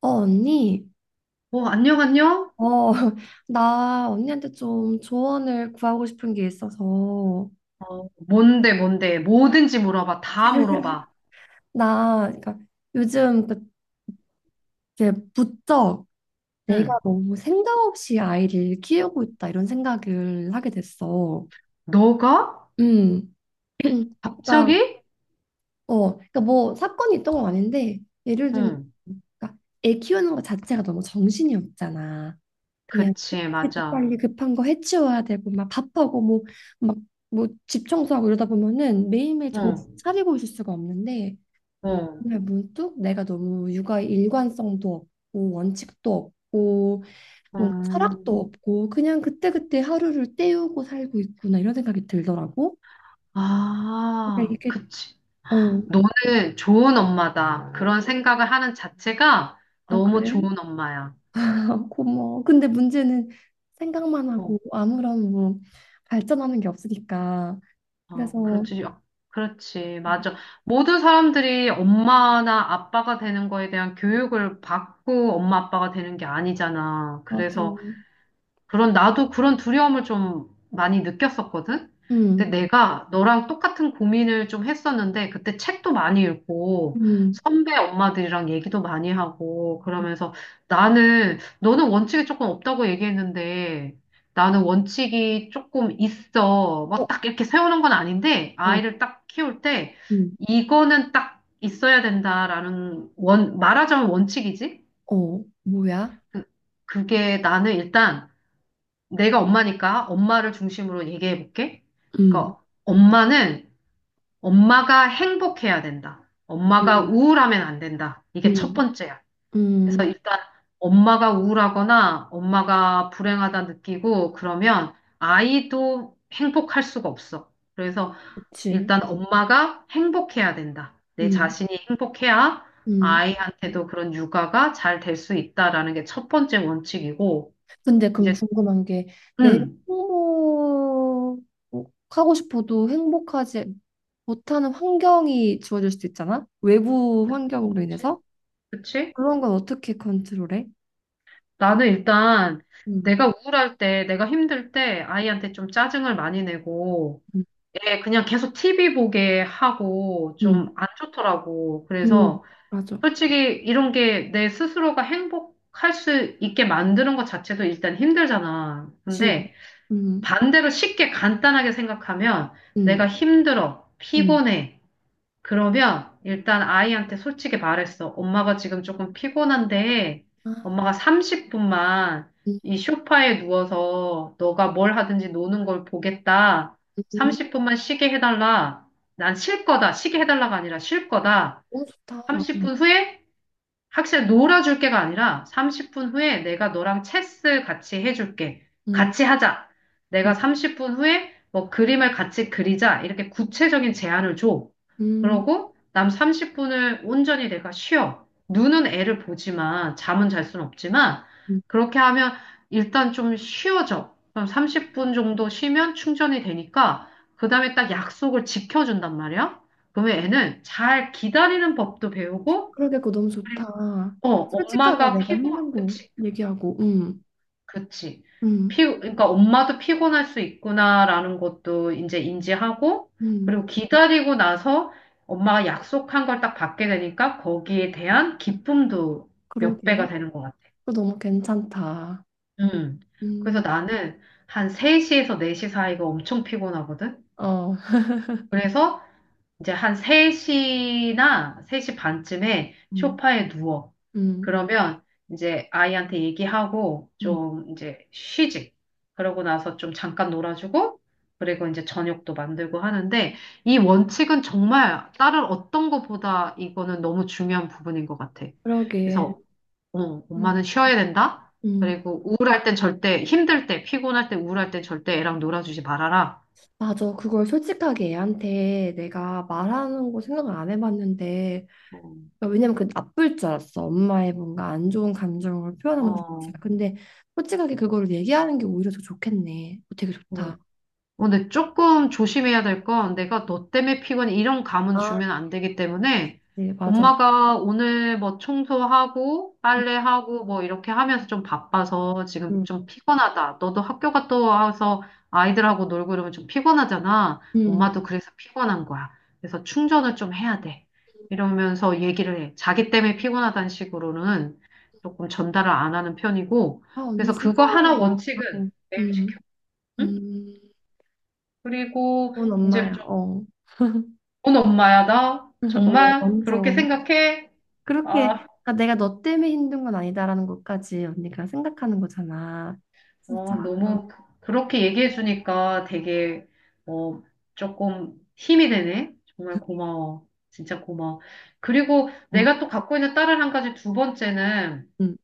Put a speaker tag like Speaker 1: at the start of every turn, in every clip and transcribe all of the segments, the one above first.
Speaker 1: 어, 언니,
Speaker 2: 어, 안녕, 안녕?
Speaker 1: 어, 나 언니한테 좀 조언을 구하고 싶은 게 있어서,
Speaker 2: 어, 뭔데, 뭔데? 뭐든지 물어봐. 다 물어봐.
Speaker 1: 나, 그러니까 요즘 그렇게 부쩍 내가
Speaker 2: 응.
Speaker 1: 너무 생각 없이 아이를 키우고 있다, 이런 생각을 하게 됐어.
Speaker 2: 너가?
Speaker 1: 음, 그러니까,
Speaker 2: 갑자기?
Speaker 1: 어, 그러니까 뭐 사건이 있던 건 아닌데, 예를 들면,
Speaker 2: 응.
Speaker 1: 그러니까 애 키우는 것 자체가 너무 정신이 없잖아. 그냥
Speaker 2: 그치, 맞아.
Speaker 1: 빨리 급한 거 해치워야 되고 막 밥하고 뭐 막 뭐 집 청소하고 이러다 보면은 매일매일 정신
Speaker 2: 응,
Speaker 1: 차리고 있을 수가 없는데
Speaker 2: 응,
Speaker 1: 정말 문득 내가 너무 육아 일관성도 없고 원칙도 없고 뭔가
Speaker 2: 음.
Speaker 1: 철학도 없고 그냥 그때그때 하루를 때우고 살고 있구나 이런 생각이 들더라고. 근데
Speaker 2: 아,
Speaker 1: 이게
Speaker 2: 그치.
Speaker 1: 어,
Speaker 2: 너는 좋은 엄마다. 그런 생각을 하는 자체가
Speaker 1: 아
Speaker 2: 너무
Speaker 1: 그래?
Speaker 2: 좋은 엄마야.
Speaker 1: 고마워. 근데 문제는 생각만 하고
Speaker 2: 어,
Speaker 1: 아무런 뭐 발전하는 게 없으니까
Speaker 2: 아,
Speaker 1: 그래서
Speaker 2: 그렇지. 아, 그렇지, 맞아. 모든 사람들이 엄마나 아빠가 되는 거에 대한 교육을 받고 엄마 아빠가 되는 게 아니잖아.
Speaker 1: 맞아.
Speaker 2: 그래서 그런, 나도 그런 두려움을 좀 많이 느꼈었거든? 근데
Speaker 1: 음,
Speaker 2: 내가 너랑 똑같은 고민을 좀 했었는데, 그때 책도 많이 읽고,
Speaker 1: 음,
Speaker 2: 선배 엄마들이랑 얘기도 많이 하고, 그러면서 나는, 너는 원칙이 조금 없다고 얘기했는데, 나는 원칙이 조금 있어.
Speaker 1: 어,
Speaker 2: 막 딱 이렇게 세우는 건 아닌데,
Speaker 1: 어,
Speaker 2: 아이를 딱 키울 때,
Speaker 1: 음,
Speaker 2: 이거는 딱 있어야 된다라는 원, 말하자면 원칙이지?
Speaker 1: 어, 뭐야?
Speaker 2: 그- 그게 나는 일단, 내가 엄마니까 엄마를 중심으로 얘기해 볼게.
Speaker 1: 음,
Speaker 2: 그러니까 엄마는 엄마가 행복해야 된다. 엄마가
Speaker 1: 음,
Speaker 2: 우울하면 안 된다. 이게 첫
Speaker 1: 음,
Speaker 2: 번째야. 그래서
Speaker 1: 음,
Speaker 2: 일단 엄마가 우울하거나 엄마가 불행하다 느끼고 그러면 아이도 행복할 수가 없어. 그래서
Speaker 1: 그치.
Speaker 2: 일단 엄마가 행복해야 된다. 내
Speaker 1: 음,
Speaker 2: 자신이 행복해야
Speaker 1: 음.
Speaker 2: 아이한테도 그런 육아가 잘 될 수 있다라는 게 첫 번째 원칙이고
Speaker 1: 근데 그럼
Speaker 2: 이제
Speaker 1: 궁금한 게 내가
Speaker 2: 음.
Speaker 1: 행복하고 싶어도 행복하지 못하는 환경이 주어질 수도 있잖아? 외부 환경으로
Speaker 2: 그치?
Speaker 1: 인해서?
Speaker 2: 그치?
Speaker 1: 그런 건 어떻게 컨트롤해?
Speaker 2: 나는 일단
Speaker 1: 음,
Speaker 2: 내가 우울할 때, 내가 힘들 때 아이한테 좀 짜증을 많이 내고,
Speaker 1: 음,
Speaker 2: 애 그냥 계속 티비 보게 하고
Speaker 1: 음,
Speaker 2: 좀 안 좋더라고.
Speaker 1: 음,
Speaker 2: 그래서
Speaker 1: 맞아.
Speaker 2: 솔직히 이런 게 내 스스로가 행복할 수 있게 만드는 것 자체도 일단 힘들잖아.
Speaker 1: 그치.
Speaker 2: 근데
Speaker 1: 음,
Speaker 2: 반대로 쉽게 간단하게 생각하면
Speaker 1: 음,
Speaker 2: 내가 힘들어,
Speaker 1: 음.
Speaker 2: 피곤해. 그러면 일단 아이한테 솔직히 말했어. 엄마가 지금 조금 피곤한데
Speaker 1: 아,
Speaker 2: 엄마가 30분만
Speaker 1: 음,
Speaker 2: 이 소파에 누워서 너가 뭘 하든지 노는 걸 보겠다.
Speaker 1: 음.
Speaker 2: 30분만 쉬게 해달라. 난 쉴 거다. 쉬게 해달라가 아니라 쉴 거다.
Speaker 1: 너무 좋다. 음.
Speaker 2: 30분 후에 학생 놀아줄 게가 아니라 30분 후에 내가 너랑 체스 같이 해줄게.
Speaker 1: 음.
Speaker 2: 같이 하자.
Speaker 1: 음,
Speaker 2: 내가 30분 후에 뭐 그림을 같이 그리자. 이렇게 구체적인 제안을 줘.
Speaker 1: 음,
Speaker 2: 그러고 남 30분을 온전히 내가 쉬어. 눈은 애를 보지만 잠은 잘 수는 없지만
Speaker 1: 음.
Speaker 2: 그렇게 하면 일단 좀 쉬어져. 그럼 30분 정도 쉬면 충전이 되니까 그다음에 딱 약속을 지켜준단 말이야. 그러면 애는 잘 기다리는 법도 배우고
Speaker 1: 그러게 그거 너무 좋다. 솔직하게 내가 힘든 거
Speaker 2: 그치,
Speaker 1: 얘기하고,
Speaker 2: 그치.
Speaker 1: 음,
Speaker 2: 그러니까 엄마도 피곤할 수 있구나라는 것도 이제 인지하고, 그리고
Speaker 1: 음,
Speaker 2: 기다리고 나서 엄마가 약속한 걸 딱 받게 되니까 거기에 대한 기쁨도 몇 배가
Speaker 1: 그러게.
Speaker 2: 되는 것 같아.
Speaker 1: 그거 너무 괜찮다.
Speaker 2: 음. 그래서
Speaker 1: 음,
Speaker 2: 나는 한 3시에서 4시 사이가 엄청 피곤하거든.
Speaker 1: 어,
Speaker 2: 그래서 이제 한 3시나 3시 반쯤에
Speaker 1: 음,
Speaker 2: 소파에 누워.
Speaker 1: 음,
Speaker 2: 그러면 이제 아이한테 얘기하고
Speaker 1: 음,
Speaker 2: 좀 이제 쉬지. 그러고 나서 좀 잠깐 놀아주고, 그리고 이제 저녁도 만들고 하는데, 이 원칙은 정말 다른 어떤 것보다 이거는 너무 중요한 부분인 것 같아.
Speaker 1: 그러게.
Speaker 2: 그래서, 어,
Speaker 1: 음,
Speaker 2: 엄마는 쉬어야 된다.
Speaker 1: 음,
Speaker 2: 그리고 우울할 땐 절대, 힘들 때, 피곤할 때, 우울할 땐 절대 애랑 놀아주지 말아라.
Speaker 1: 맞아. 그걸 솔직하게 애한테 내가 말하는 거 생각을 안 해봤는데,
Speaker 2: 어,
Speaker 1: 그러니까 왜냐면 그 나쁠 줄 알았어. 엄마의 뭔가 안 좋은 감정을 표현하는 것
Speaker 2: 어,
Speaker 1: 자체가. 근데 솔직하게 그거를 얘기하는 게 오히려 더 좋겠네. 어, 되게
Speaker 2: 어,
Speaker 1: 좋다.
Speaker 2: 어, 근데 조금 조심해야 될 건 내가 너 때문에 피곤해 이런 감은
Speaker 1: 아,
Speaker 2: 주면 안 되기 때문에
Speaker 1: 네, 맞아.
Speaker 2: 엄마가 오늘 뭐 청소하고 빨래하고 뭐 이렇게 하면서 좀 바빠서 지금
Speaker 1: 음,
Speaker 2: 좀 피곤하다. 너도 학교 갔다 와서 아이들하고 놀고 이러면 좀 피곤하잖아.
Speaker 1: 음.
Speaker 2: 엄마도 그래서 피곤한 거야. 그래서 충전을 좀 해야 돼. 이러면서 얘기를 해. 자기 때문에 피곤하다는 식으로는 조금 전달을 안 하는 편이고.
Speaker 1: 아, 언니
Speaker 2: 그래서
Speaker 1: 진짜.
Speaker 2: 그거 하나 원칙은
Speaker 1: 어,
Speaker 2: 매일 지켜.
Speaker 1: 음, 음.
Speaker 2: 응? 그리고
Speaker 1: 좋은
Speaker 2: 이제
Speaker 1: 엄마야.
Speaker 2: 좀,
Speaker 1: 어.
Speaker 2: 넌 엄마야, 나?
Speaker 1: 어,
Speaker 2: 정말? 그렇게
Speaker 1: 완전.
Speaker 2: 생각해?
Speaker 1: 그렇게,
Speaker 2: 아,
Speaker 1: 아, 내가 너 때문에 힘든 건 아니다라는 것까지 언니가 생각하는 거잖아. 진짜.
Speaker 2: 어,
Speaker 1: 어,
Speaker 2: 너무, 그렇게 얘기해주니까 되게, 어, 조금 힘이 되네? 정말 고마워. 진짜 고마워. 그리고
Speaker 1: 음,
Speaker 2: 내가 또 갖고 있는 딸을 한 가지 두 번째는
Speaker 1: 음,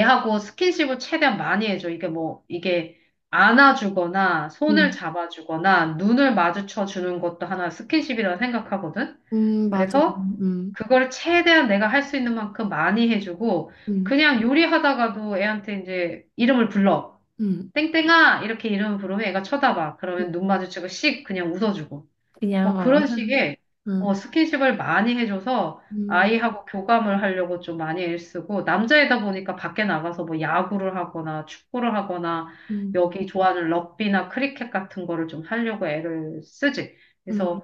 Speaker 2: 애하고 스킨십을 최대한 많이 해줘. 이게 뭐, 이게 안아주거나 손을
Speaker 1: 음.
Speaker 2: 잡아주거나 눈을 마주쳐 주는 것도 하나 스킨십이라 생각하거든?
Speaker 1: 맞아.
Speaker 2: 그래서
Speaker 1: 음,
Speaker 2: 그걸 최대한 내가 할 수 있는 만큼 많이 해주고
Speaker 1: 음,
Speaker 2: 그냥 요리하다가도 애한테 이제 이름을 불러.
Speaker 1: 음.
Speaker 2: 땡땡아 이렇게 이름을 부르면 애가 쳐다봐. 그러면 눈 마주치고 씩 그냥 웃어주고.
Speaker 1: 그냥,
Speaker 2: 뭐
Speaker 1: 어.
Speaker 2: 그런 식의 어,
Speaker 1: 음,
Speaker 2: 스킨십을 많이 해줘서
Speaker 1: 음,
Speaker 2: 아이하고 교감을 하려고 좀 많이 애쓰고 남자이다 보니까 밖에 나가서 뭐 야구를 하거나 축구를 하거나
Speaker 1: 음,
Speaker 2: 여기 좋아하는 럭비나 크리켓 같은 거를 좀 하려고 애를 쓰지. 그래서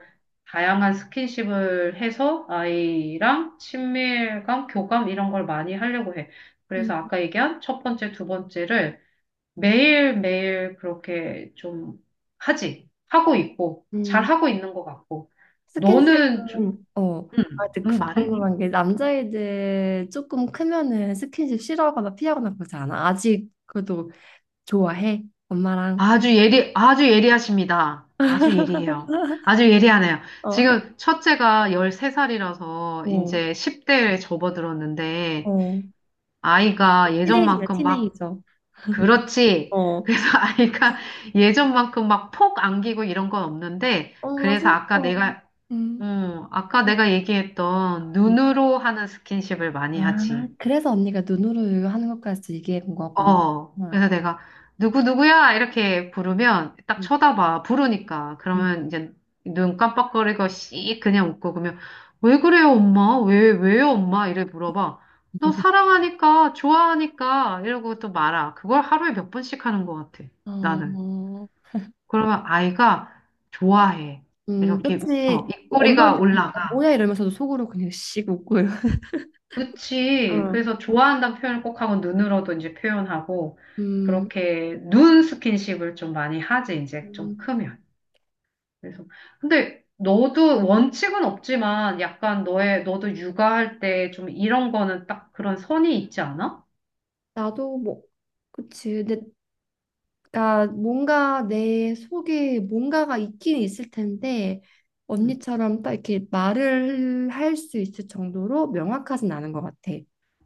Speaker 2: 다양한 스킨십을 해서 아이랑 친밀감, 교감 이런 걸 많이 하려고 해.
Speaker 1: 음,
Speaker 2: 그래서 아까 얘기한 첫 번째, 두 번째를 매일매일 그렇게 좀 하지. 하고 있고, 잘
Speaker 1: 음.
Speaker 2: 하고 있는 것 같고. 너는 좀,
Speaker 1: 스킨십은 어, 아, 근데
Speaker 2: 말해?
Speaker 1: 궁금한 게 남자애들 조금 크면은 스킨십 싫어하거나 피하거나 그러지 않아? 아직 그래도 좋아해? 엄마랑.
Speaker 2: 아주 예리, 아주 예리하십니다. 아주 예리해요. 아주 예리하네요.
Speaker 1: 어,
Speaker 2: 지금 첫째가 13살이라서
Speaker 1: 어,
Speaker 2: 이제 10대에 접어들었는데,
Speaker 1: 어.
Speaker 2: 아이가
Speaker 1: 티네이저네,
Speaker 2: 예전만큼 막,
Speaker 1: 티네이저.
Speaker 2: 그렇지.
Speaker 1: 어,
Speaker 2: 그래서 아이가 예전만큼 막 폭 안기고 이런 건 없는데,
Speaker 1: 어, 나
Speaker 2: 그래서 아까
Speaker 1: 슬퍼.
Speaker 2: 내가
Speaker 1: 음.
Speaker 2: 어, 아까 내가 얘기했던
Speaker 1: 음.
Speaker 2: 눈으로 하는 스킨십을 많이
Speaker 1: 아,
Speaker 2: 하지.
Speaker 1: 그래서 언니가 눈으로 하는 것까지 얘기해 본 거구나.
Speaker 2: 어,
Speaker 1: 아,
Speaker 2: 그래서 내가 누구누구야? 이렇게 부르면 딱
Speaker 1: 음,
Speaker 2: 쳐다봐. 부르니까. 그러면 이제 눈 깜빡거리고 씩 그냥 웃고 그러면 왜 그래요, 엄마? 왜요, 엄마? 이래 물어봐. 너
Speaker 1: 음.
Speaker 2: 사랑하니까, 좋아하니까 이러고 또 말아. 그걸 하루에 몇 번씩 하는 것 같아. 나는.
Speaker 1: 어,
Speaker 2: 그러면 아이가 좋아해. 이렇게 웃어.
Speaker 1: 그치.
Speaker 2: 입꼬리가
Speaker 1: 엄마한테 아,
Speaker 2: 올라가.
Speaker 1: 뭐야 이러면서도 속으로 그냥 씩 웃고요.
Speaker 2: 그치.
Speaker 1: 어.
Speaker 2: 그래서 좋아한다는 표현을 꼭 하고 눈으로도 이제 표현하고
Speaker 1: 음,
Speaker 2: 그렇게 눈 스킨십을 좀 많이 하지 이제 좀
Speaker 1: 음.
Speaker 2: 크면. 그래서 근데 너도 원칙은 없지만 약간 너의 너도 육아할 때 좀 이런 거는 딱 그런 선이 있지 않아?
Speaker 1: 나도 뭐 그치. 근데 나 뭔가 내 속에 뭔가가 있긴 있을 텐데
Speaker 2: 응.
Speaker 1: 언니처럼 딱 이렇게 말을 할 수 있을 정도로 명확하진 않은 것 같아.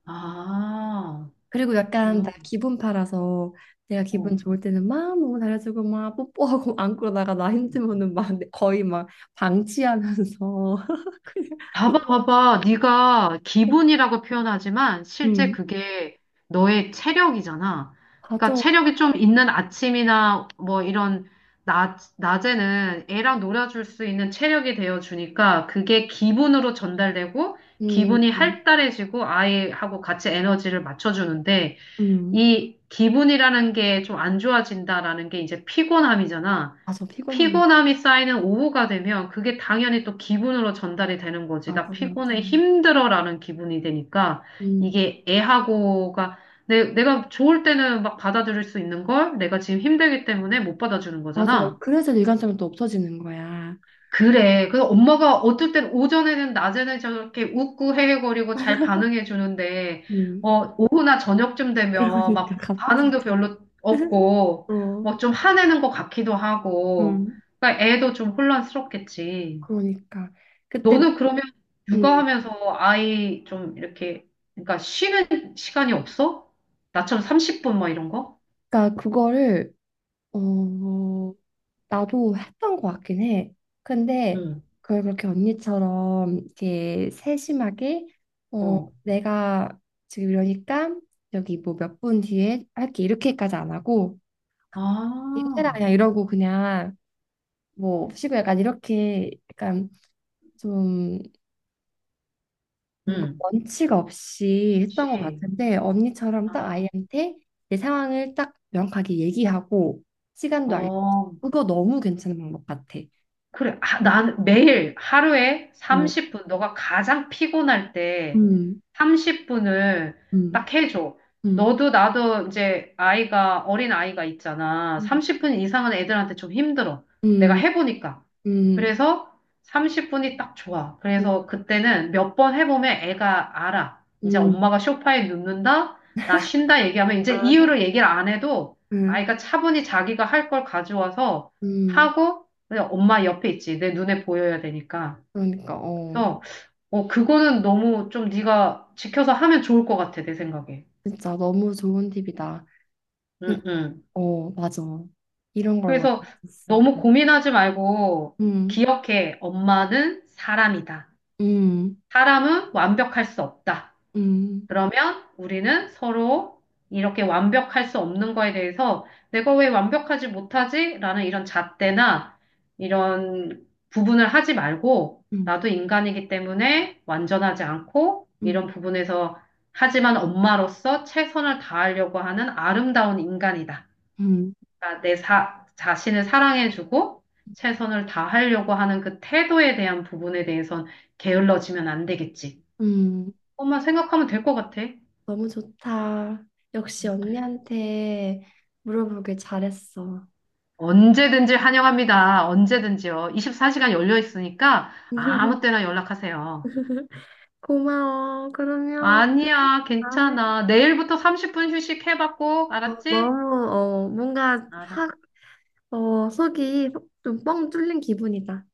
Speaker 2: 아,
Speaker 1: 그리고 약간 나
Speaker 2: 그렇구나.
Speaker 1: 기분 팔아서 내가 기분
Speaker 2: 어.
Speaker 1: 좋을 때는 막 너무 잘해주고 막 뽀뽀하고 안고 나가 나 힘들면은 막 거의 막 방치하면서 그냥 이-
Speaker 2: 봐봐, 봐봐. 네가 기분이라고 표현하지만 실제
Speaker 1: 음
Speaker 2: 그게 너의 체력이잖아. 그러니까
Speaker 1: 맞아
Speaker 2: 체력이 좀 있는 아침이나 뭐 이런 낮에는 애랑 놀아줄 수 있는 체력이 되어 주니까 그게 기분으로 전달되고
Speaker 1: 음,
Speaker 2: 기분이 활달해지고 아이하고 같이 에너지를 맞춰주는데
Speaker 1: 음,
Speaker 2: 이 기분이라는 게 좀 안 좋아진다라는 게 이제 피곤함이잖아.
Speaker 1: 맞아 피곤함
Speaker 2: 피곤함이 쌓이는 오후가 되면 그게 당연히 또 기분으로 전달이 되는 거지. 나
Speaker 1: 맞아 맞아
Speaker 2: 피곤해, 힘들어라는 기분이 되니까
Speaker 1: 음
Speaker 2: 이게 애하고가 내가 좋을 때는 막 받아들일 수 있는 걸 내가 지금 힘들기 때문에 못 받아주는
Speaker 1: 맞아, 맞아.
Speaker 2: 거잖아.
Speaker 1: 그래서 일관성이 또 없어지는 거야.
Speaker 2: 그래. 그래서 엄마가 어떨 땐 오전에는 낮에는 저렇게 웃고 헤헤거리고 잘 반응해 주는데,
Speaker 1: 음.
Speaker 2: 어, 오후나 저녁쯤 되면
Speaker 1: 그러니까
Speaker 2: 막 반응도
Speaker 1: 갑자기.
Speaker 2: 별로 없고,
Speaker 1: 어,
Speaker 2: 뭐 좀 화내는 것 같기도 하고,
Speaker 1: 음.
Speaker 2: 그러니까 애도 좀 혼란스럽겠지.
Speaker 1: 그러니까 그때,
Speaker 2: 너는 그러면
Speaker 1: 음.
Speaker 2: 육아하면서 아이 좀 이렇게, 그러니까 쉬는 시간이 없어? 나처럼 30분 뭐 이런 거?
Speaker 1: 그러니까 그거를 어 나도 했던 것 같긴 해. 근데
Speaker 2: 응,
Speaker 1: 그걸 그렇게 언니처럼 이렇게 세심하게 어
Speaker 2: 어.
Speaker 1: 내가 지금 이러니까 여기 뭐 몇 분 뒤에 할게 이렇게까지 안 하고 이거 해라
Speaker 2: 아,
Speaker 1: 그냥 이러고 그냥 뭐 쉬고 약간 이렇게 약간 좀 뭔가
Speaker 2: 응,
Speaker 1: 원칙 없이 했던 것
Speaker 2: 씨.
Speaker 1: 같은데 언니처럼 딱
Speaker 2: 아,
Speaker 1: 아이한테 내 상황을 딱 명확하게 얘기하고 시간도 알려.
Speaker 2: 어.
Speaker 1: 그거 너무 괜찮은 방법 같아.
Speaker 2: 그래. 아, 난 매일 하루에
Speaker 1: 어,
Speaker 2: 30분, 너가 가장 피곤할 때
Speaker 1: 음,
Speaker 2: 30분을
Speaker 1: 음,
Speaker 2: 딱 해줘.
Speaker 1: 음,
Speaker 2: 너도 나도 이제 아이가, 어린 아이가 있잖아.
Speaker 1: 음,
Speaker 2: 30분 이상은 애들한테 좀 힘들어. 내가
Speaker 1: 음,
Speaker 2: 해보니까.
Speaker 1: 음,
Speaker 2: 그래서 30분이 딱 좋아.
Speaker 1: 음,
Speaker 2: 그래서 그때는 몇 번 해보면 애가 알아. 이제
Speaker 1: 음,
Speaker 2: 엄마가 소파에 눕는다? 나 쉰다 얘기하면 이제
Speaker 1: 아,
Speaker 2: 이유를 얘기를 안 해도
Speaker 1: 음,
Speaker 2: 아이가 차분히 자기가 할 걸 가져와서
Speaker 1: 음.
Speaker 2: 하고 그냥 엄마 옆에 있지. 내 눈에 보여야 되니까.
Speaker 1: 그러니까 어,
Speaker 2: 그래서 어 그거는 너무 좀 네가 지켜서 하면 좋을 것 같아 내 생각에.
Speaker 1: 진짜 너무 좋은 팁이다.
Speaker 2: 응,
Speaker 1: 그러니까,
Speaker 2: 응.
Speaker 1: 어, 맞아. 이런 걸
Speaker 2: 그래서
Speaker 1: 원했었어.
Speaker 2: 너무 고민하지 말고
Speaker 1: 음,
Speaker 2: 기억해. 엄마는 사람이다.
Speaker 1: 음,
Speaker 2: 사람은 완벽할 수 없다.
Speaker 1: 음,
Speaker 2: 그러면 우리는 서로 이렇게 완벽할 수 없는 거에 대해서 내가 왜 완벽하지 못하지? 라는 이런 잣대나 이런 부분을 하지 말고
Speaker 1: 음,
Speaker 2: 나도 인간이기 때문에 완전하지 않고
Speaker 1: 음,
Speaker 2: 이런 부분에서 하지만 엄마로서 최선을 다하려고 하는 아름다운 인간이다.
Speaker 1: 음,
Speaker 2: 그러니까 내 자신을 사랑해주고 최선을 다하려고 하는 그 태도에 대한 부분에 대해선 게을러지면 안 되겠지.
Speaker 1: 음.
Speaker 2: 엄마 생각하면 될 것 같아.
Speaker 1: 너무 좋다. 역시 언니한테 물어보길 잘했어.
Speaker 2: 언제든지 환영합니다. 언제든지요. 24시간 열려 있으니까 아무 때나 연락하세요.
Speaker 1: 아,
Speaker 2: 아니야,
Speaker 1: 다음에
Speaker 2: 괜찮아. 내일부터 30분 휴식해봤고,
Speaker 1: 어,
Speaker 2: 알았지?
Speaker 1: 너무 어, 뭔가
Speaker 2: 알았.
Speaker 1: 확 어, 속이 좀 뻥 뚫린 기분이다.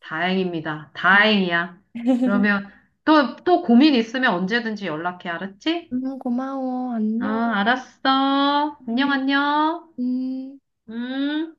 Speaker 2: 다행입니다.
Speaker 1: 음,
Speaker 2: 다행이야. 그러면 또, 또 고민 있으면 언제든지 연락해, 알았지?
Speaker 1: 무 고마워.
Speaker 2: 어,
Speaker 1: 안녕.
Speaker 2: 알았어. 안녕,
Speaker 1: 음.
Speaker 2: 안녕.
Speaker 1: 음.
Speaker 2: 음.